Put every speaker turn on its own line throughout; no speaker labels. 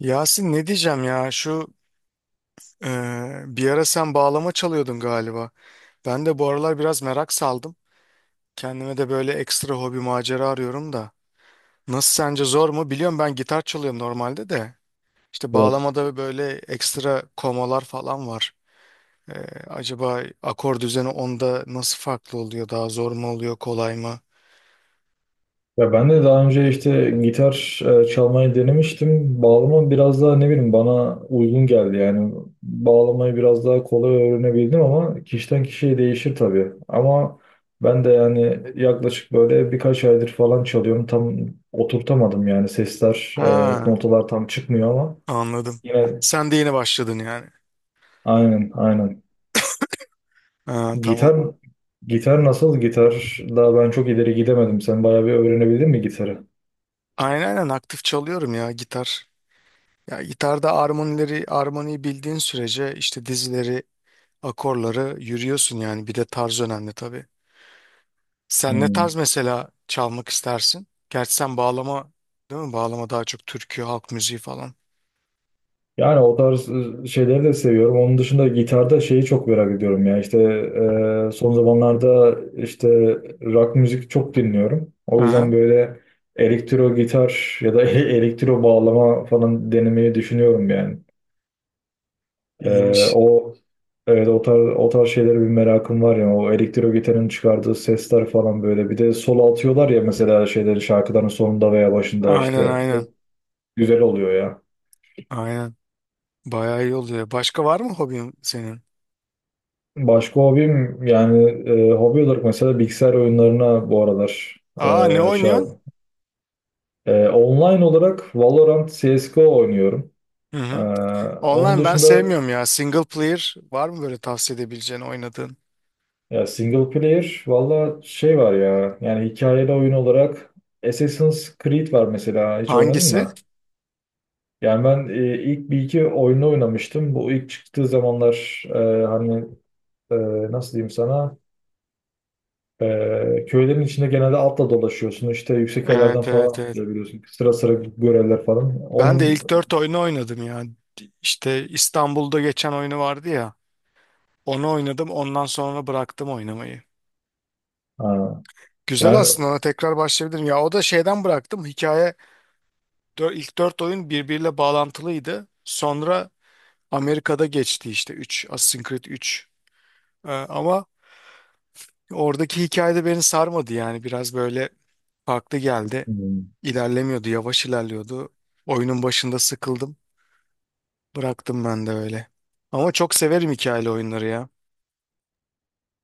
Yasin ne diyeceğim ya şu e, bir ara sen bağlama çalıyordun galiba. Ben de bu aralar biraz merak saldım. Kendime de böyle ekstra hobi macera arıyorum da. Nasıl sence zor mu? Biliyorum ben gitar çalıyorum normalde de. İşte
Evet.
bağlamada böyle ekstra komalar falan var. E, acaba akor düzeni onda nasıl farklı oluyor? Daha zor mu oluyor? Kolay mı?
Ya ben de daha önce işte gitar çalmayı denemiştim. Bağlama biraz daha ne bileyim bana uygun geldi yani. Bağlamayı biraz daha kolay öğrenebildim ama kişiden kişiye değişir tabii. Ama ben de yani yaklaşık böyle birkaç aydır falan çalıyorum. Tam oturtamadım yani sesler,
Ha,
notalar tam çıkmıyor ama
anladım.
yine.
Sen de yeni başladın yani.
Aynen, aynen.
Ha, tamam.
Gitar gitar nasıl? Gitar daha ben çok ileri gidemedim. Sen bayağı bir öğrenebildin mi gitarı?
Aynen aynen aktif çalıyorum ya gitar. Ya gitarda armonileri, armoniyi bildiğin sürece işte dizileri, akorları yürüyorsun yani. Bir de tarz önemli tabii. Sen ne tarz
Hmm.
mesela çalmak istersin? Gerçi sen bağlama, değil mi? Bağlama daha çok türkü, halk müziği falan.
Yani o tarz şeyleri de seviyorum. Onun dışında gitarda şeyi çok merak ediyorum ya. İşte son zamanlarda işte rock müzik çok dinliyorum. O yüzden
Aha,
böyle elektro gitar ya da elektro bağlama falan denemeyi düşünüyorum yani. E,
iyiymiş.
o evet, o tarz şeylere bir merakım var ya. O elektro gitarın çıkardığı sesler falan böyle. Bir de solo atıyorlar ya mesela şeyleri şarkıların sonunda veya başında
Aynen
işte.
aynen.
Güzel oluyor ya.
Aynen. Bayağı iyi oluyor. Başka var mı hobin senin?
Başka hobim yani hobi olarak mesela bilgisayar oyunlarına bu aralar
Aa, ne
e, şey yap-
oynuyorsun?
Online olarak Valorant CSGO oynuyorum.
Hı
E,
hı.
Onun
Online ben
dışında
sevmiyorum ya. Single player var mı böyle tavsiye edebileceğin oynadığın?
ya single player valla şey var ya yani hikayeli oyun olarak Assassin's Creed var mesela hiç oynadın
Hangisi?
mı? Yani ben ilk bir iki oyunu oynamıştım. Bu ilk çıktığı zamanlar hani e, nasıl diyeyim sana? Köylerin içinde genelde atla dolaşıyorsun. İşte yüksek yerlerden
Evet
falan
evet evet.
atlayabiliyorsun. Sıra sıra göreller falan.
Ben de
Onun
ilk dört oyunu oynadım ya. İşte İstanbul'da geçen oyunu vardı ya. Onu oynadım. Ondan sonra bıraktım oynamayı.
ha,
Güzel
yani,
aslında. Ona tekrar başlayabilirim. Ya o da şeyden bıraktım. Hikaye ilk dört oyun birbiriyle bağlantılıydı. Sonra Amerika'da geçti işte üç, Assassin's Creed üç. Ama oradaki hikayede beni sarmadı yani. Biraz böyle farklı geldi.
hmm,
İlerlemiyordu. Yavaş ilerliyordu. Oyunun başında sıkıldım. Bıraktım ben de öyle. Ama çok severim hikayeli oyunları ya.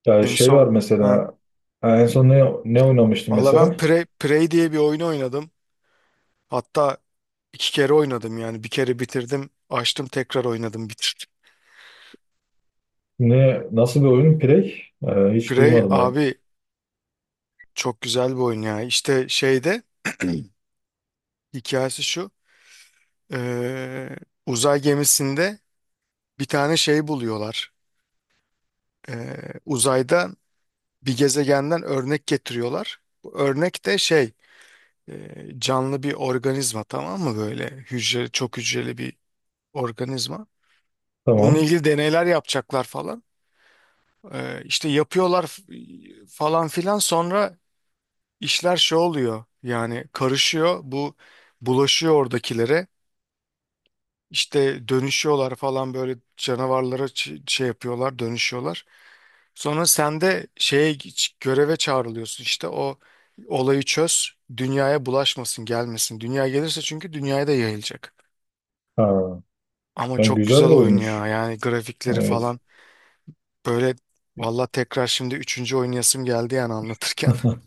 yani
En
şey var
son. Ha.
mesela ha, en son ne oynamıştım
Valla ben
mesela?
Prey, Prey diye bir oyunu oynadım. Hatta iki kere oynadım yani. Bir kere bitirdim. Açtım tekrar oynadım bitirdim.
Nasıl bir oyun? Prey? Hiç
Prey
duymadım yani.
abi çok güzel bir oyun ya. İşte şeyde hikayesi şu. Ee, uzay gemisinde bir tane şey buluyorlar. Ee, uzayda bir gezegenden örnek getiriyorlar. Bu örnek de şey, canlı bir organizma, tamam mı, böyle hücre, çok hücreli bir organizma. Bununla
Tamam.
ilgili deneyler yapacaklar falan. İşte yapıyorlar falan filan, sonra işler şey oluyor yani, karışıyor bu, bulaşıyor oradakilere, işte dönüşüyorlar falan böyle canavarlara, şey yapıyorlar, dönüşüyorlar. Sonra sen de şeye göreve çağrılıyorsun işte, o olayı çöz, dünyaya bulaşmasın, gelmesin, dünya gelirse çünkü dünyaya da yayılacak.
Ha,
Ama
yani
çok güzel
güzel bir
oyun
oyunmuş.
ya, yani grafikleri
Evet.
falan böyle. Valla tekrar şimdi üçüncü oynayasım geldi yani anlatırken.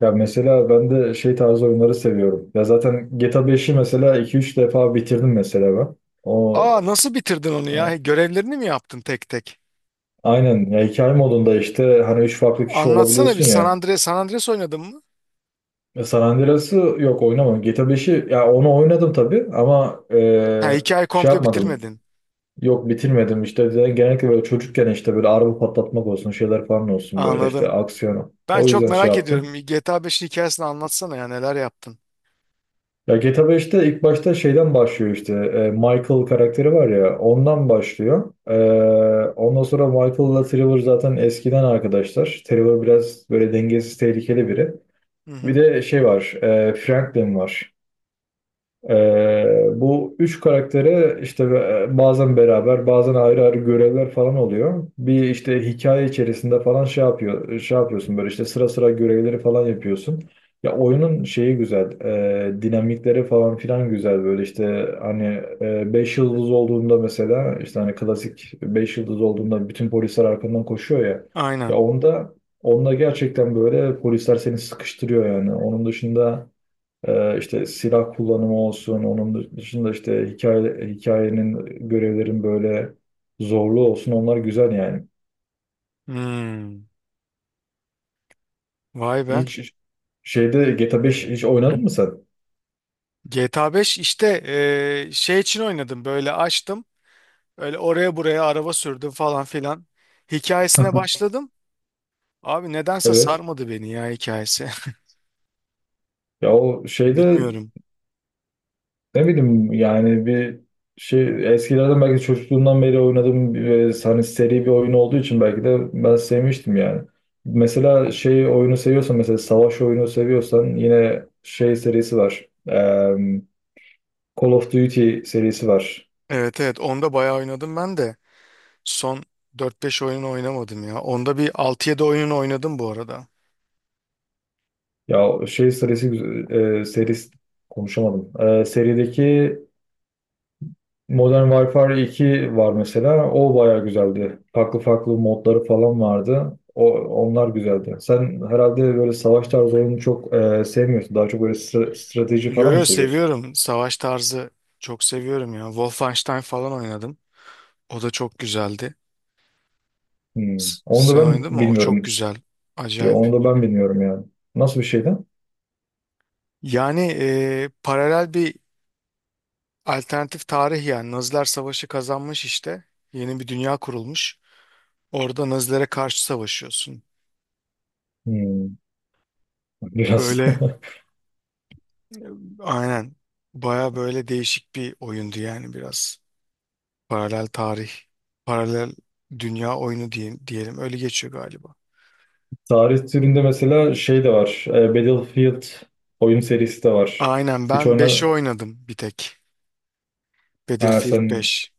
Ya mesela ben de şey tarzı oyunları seviyorum. Ya zaten GTA 5'i mesela iki üç defa bitirdim mesela ben. O
Aa, nasıl bitirdin onu ya? Görevlerini mi yaptın tek tek?
Aynen, ya hikaye modunda işte hani üç farklı kişi
Anlatsana bir,
olabiliyorsun
San
ya.
Andreas, San Andreas oynadın mı?
San Andreas'ı yok, oynamadım. GTA 5'i ya onu oynadım tabii ama
Ha, hikaye
şey
komple
yapmadım.
bitirmedin.
Yok, bitirmedim işte. Genellikle böyle çocukken işte böyle araba patlatmak olsun şeyler falan olsun böyle işte
Anladım.
aksiyonu.
Ben
O
çok
yüzden şey
merak
yaptım.
ediyorum. GTA 5'in hikayesini anlatsana ya, neler yaptın?
Ya GTA 5'te ilk başta şeyden başlıyor işte Michael karakteri var ya ondan başlıyor. Ondan sonra Michael'la Trevor zaten eskiden arkadaşlar. Trevor biraz böyle dengesiz, tehlikeli biri.
Hı
Bir
hı.
de şey var. Franklin var. Ee, Bu üç karaktere işte bazen beraber bazen ayrı ayrı görevler falan oluyor. Bir işte hikaye içerisinde falan şey yapıyor, şey yapıyorsun böyle işte sıra sıra görevleri falan yapıyorsun. Ya oyunun şeyi güzel, dinamikleri falan filan güzel böyle işte hani beş yıldız olduğunda mesela işte hani klasik beş yıldız olduğunda bütün polisler arkandan koşuyor ya. Ya
Aynen.
onda gerçekten böyle polisler seni sıkıştırıyor yani. Onun dışında. İşte silah kullanımı olsun, onun dışında işte hikayenin, görevlerin böyle zorluğu olsun onlar güzel yani.
Hmm. Vay be.
Hiç şeyde GTA 5 hiç oynadın mı sen?
GTA 5 işte şey için oynadım, böyle açtım. Öyle oraya buraya araba sürdüm falan filan. Hikayesine başladım. Abi nedense
Evet.
sarmadı beni ya hikayesi.
Ya o şeyde
Bilmiyorum.
ne bileyim yani bir şey eskilerden belki çocukluğumdan beri oynadığım bir, hani seri bir oyun olduğu için belki de ben sevmiştim yani. Mesela şey oyunu seviyorsan mesela savaş oyunu seviyorsan yine şey serisi var. Call of Duty serisi var.
Evet evet, onda bayağı oynadım ben de. Son dört beş oyun oynamadım ya. Onda bir 6-7 oyun oynadım bu arada.
Ya şey serisi konuşamadım. Serideki Modern Warfare 2 var mesela. O bayağı güzeldi. Farklı farklı modları falan vardı. Onlar güzeldi. Sen herhalde böyle savaş tarzı oyunu çok sevmiyorsun. Daha çok böyle strateji
Yo
falan mı
yo,
seviyorsun?
seviyorum. Savaş tarzı çok seviyorum ya. Wolfenstein falan oynadım. O da çok güzeldi.
Hmm. Onu da
Sen
ben
oynadın mı? O çok
bilmiyorum.
güzel.
Ya,
Acayip.
onu da ben bilmiyorum yani. Nasıl bir şeydi?
Yani paralel bir, alternatif tarih yani. Naziler savaşı kazanmış işte. Yeni bir dünya kurulmuş. Orada Nazilere karşı savaşıyorsun.
Hmm. Biraz.
Böyle e, aynen. Baya böyle değişik bir oyundu yani biraz. Paralel tarih, paralel dünya oyunu diyelim. Öyle geçiyor galiba.
Tarih türünde mesela şey de var. Battlefield oyun serisi de var.
Aynen,
Hiç
ben 5'i
oyna...
oynadım bir tek.
Ha,
Battlefield
sen
beş.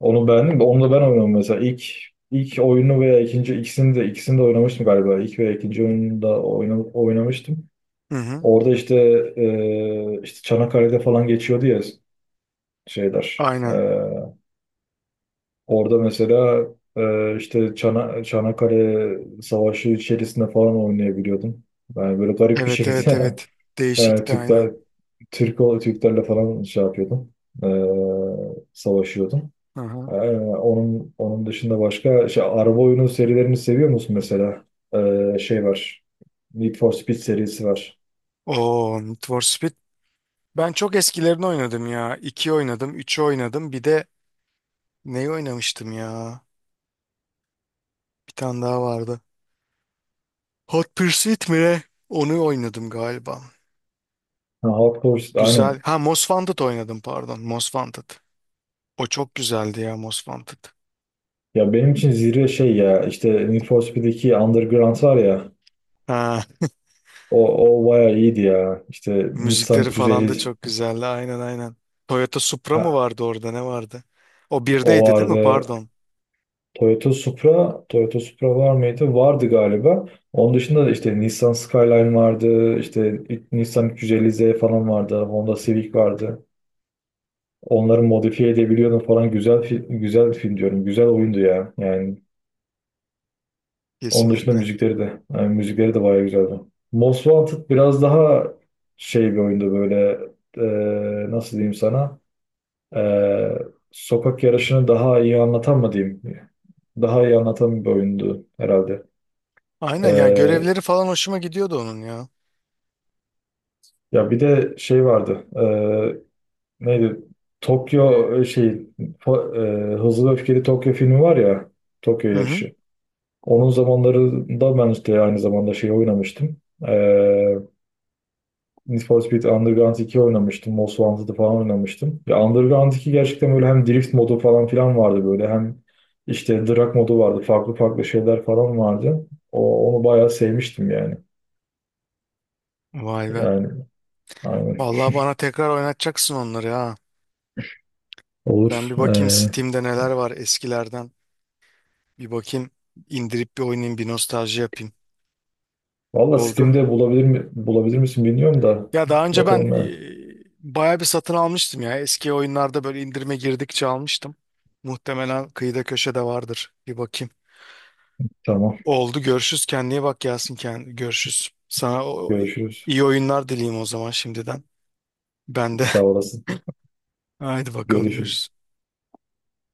onu beğendin mi? Onu da ben oynadım mesela. İlk oyunu veya ikinci ikisini de oynamıştım galiba. İlk veya ikinci oyunu da oynamıştım.
Hı hı.
Orada işte işte Çanakkale'de falan geçiyordu ya şeyler.
Aynen.
Orada mesela işte Çanakkale Savaşı içerisinde falan oynayabiliyordum. Yani böyle garip bir
Evet evet
şekilde
evet.
e,
Değişikti aynen.
Türkler Türklerle falan şey yapıyordum. Savaşıyordum.
Hı
Ee,
hı.
onun dışında başka şey, araba oyunu serilerini seviyor musun mesela? Şey var. Need for Speed serisi var.
Oo, Need for Speed. Ben çok eskilerini oynadım ya. 2 oynadım, üçü oynadım. Bir de neyi oynamıştım ya? Bir tane daha vardı. Hot Pursuit mi ne? Onu oynadım galiba.
Ha, Hot Pursuit aynen.
Güzel. Ha, Most Wanted oynadım, pardon. Most Wanted. O çok güzeldi ya, Most Wanted.
Ya benim için zirve şey ya işte Need for Speed'deki Underground var ya
Ha.
o, o bayağı iyiydi ya. İşte Nissan
Müzikleri falan da
350
çok güzeldi. Aynen aynen. Toyota Supra mı
ha,
vardı orada, ne vardı? O
o
birdeydi değil mi?
vardı.
Pardon.
Toyota Supra var mıydı? Vardı galiba. Onun dışında da işte Nissan Skyline vardı, işte Nissan 350Z falan vardı, Honda Civic vardı. Onları modifiye edebiliyordum falan. Güzel film diyorum. Güzel oyundu ya. Yani onun dışında
Kesinlikle.
müzikleri de bayağı güzeldi. Most Wanted biraz daha şey bir oyundu böyle nasıl diyeyim sana? E, Sokak yarışını daha iyi anlatan mı diyeyim? Daha iyi anlatan bir oyundu herhalde.
Aynen ya, görevleri falan hoşuma gidiyordu onun ya.
Ya bir de şey vardı. Neydi? Tokyo e, şey fo- e, Hızlı ve Öfkeli Tokyo filmi var ya. Tokyo
Hı hı.
yarışı. Onun zamanlarında ben işte aynı zamanda şey oynamıştım. Ee, Need for Speed Underground 2 oynamıştım. Most Wanted'ı falan oynamıştım. Ya Underground 2 gerçekten böyle hem drift modu falan filan vardı böyle. Hem işte drag modu vardı. Farklı farklı şeyler falan vardı. Onu bayağı sevmiştim yani.
Vay be.
Yani aynen.
Vallahi bana tekrar oynatacaksın onları ha.
Olur.
Ben bir bakayım Steam'de neler var eskilerden. Bir bakayım, indirip bir oynayayım, bir nostalji yapayım.
Valla
Oldu.
Steam'de bulabilir misin bilmiyorum da.
Ya daha önce ben
Bakalım yani.
bayağı bir satın almıştım ya. Eski oyunlarda böyle indirime girdikçe almıştım. Muhtemelen kıyıda köşede vardır. Bir bakayım.
Tamam.
Oldu, görüşürüz. Kendine iyi bak Yasin. Görüşürüz. Sana
Görüşürüz.
iyi oyunlar dileyim o zaman şimdiden. Ben de.
Sağ olasın.
Haydi bakalım,
Görüşürüz.
görüşürüz.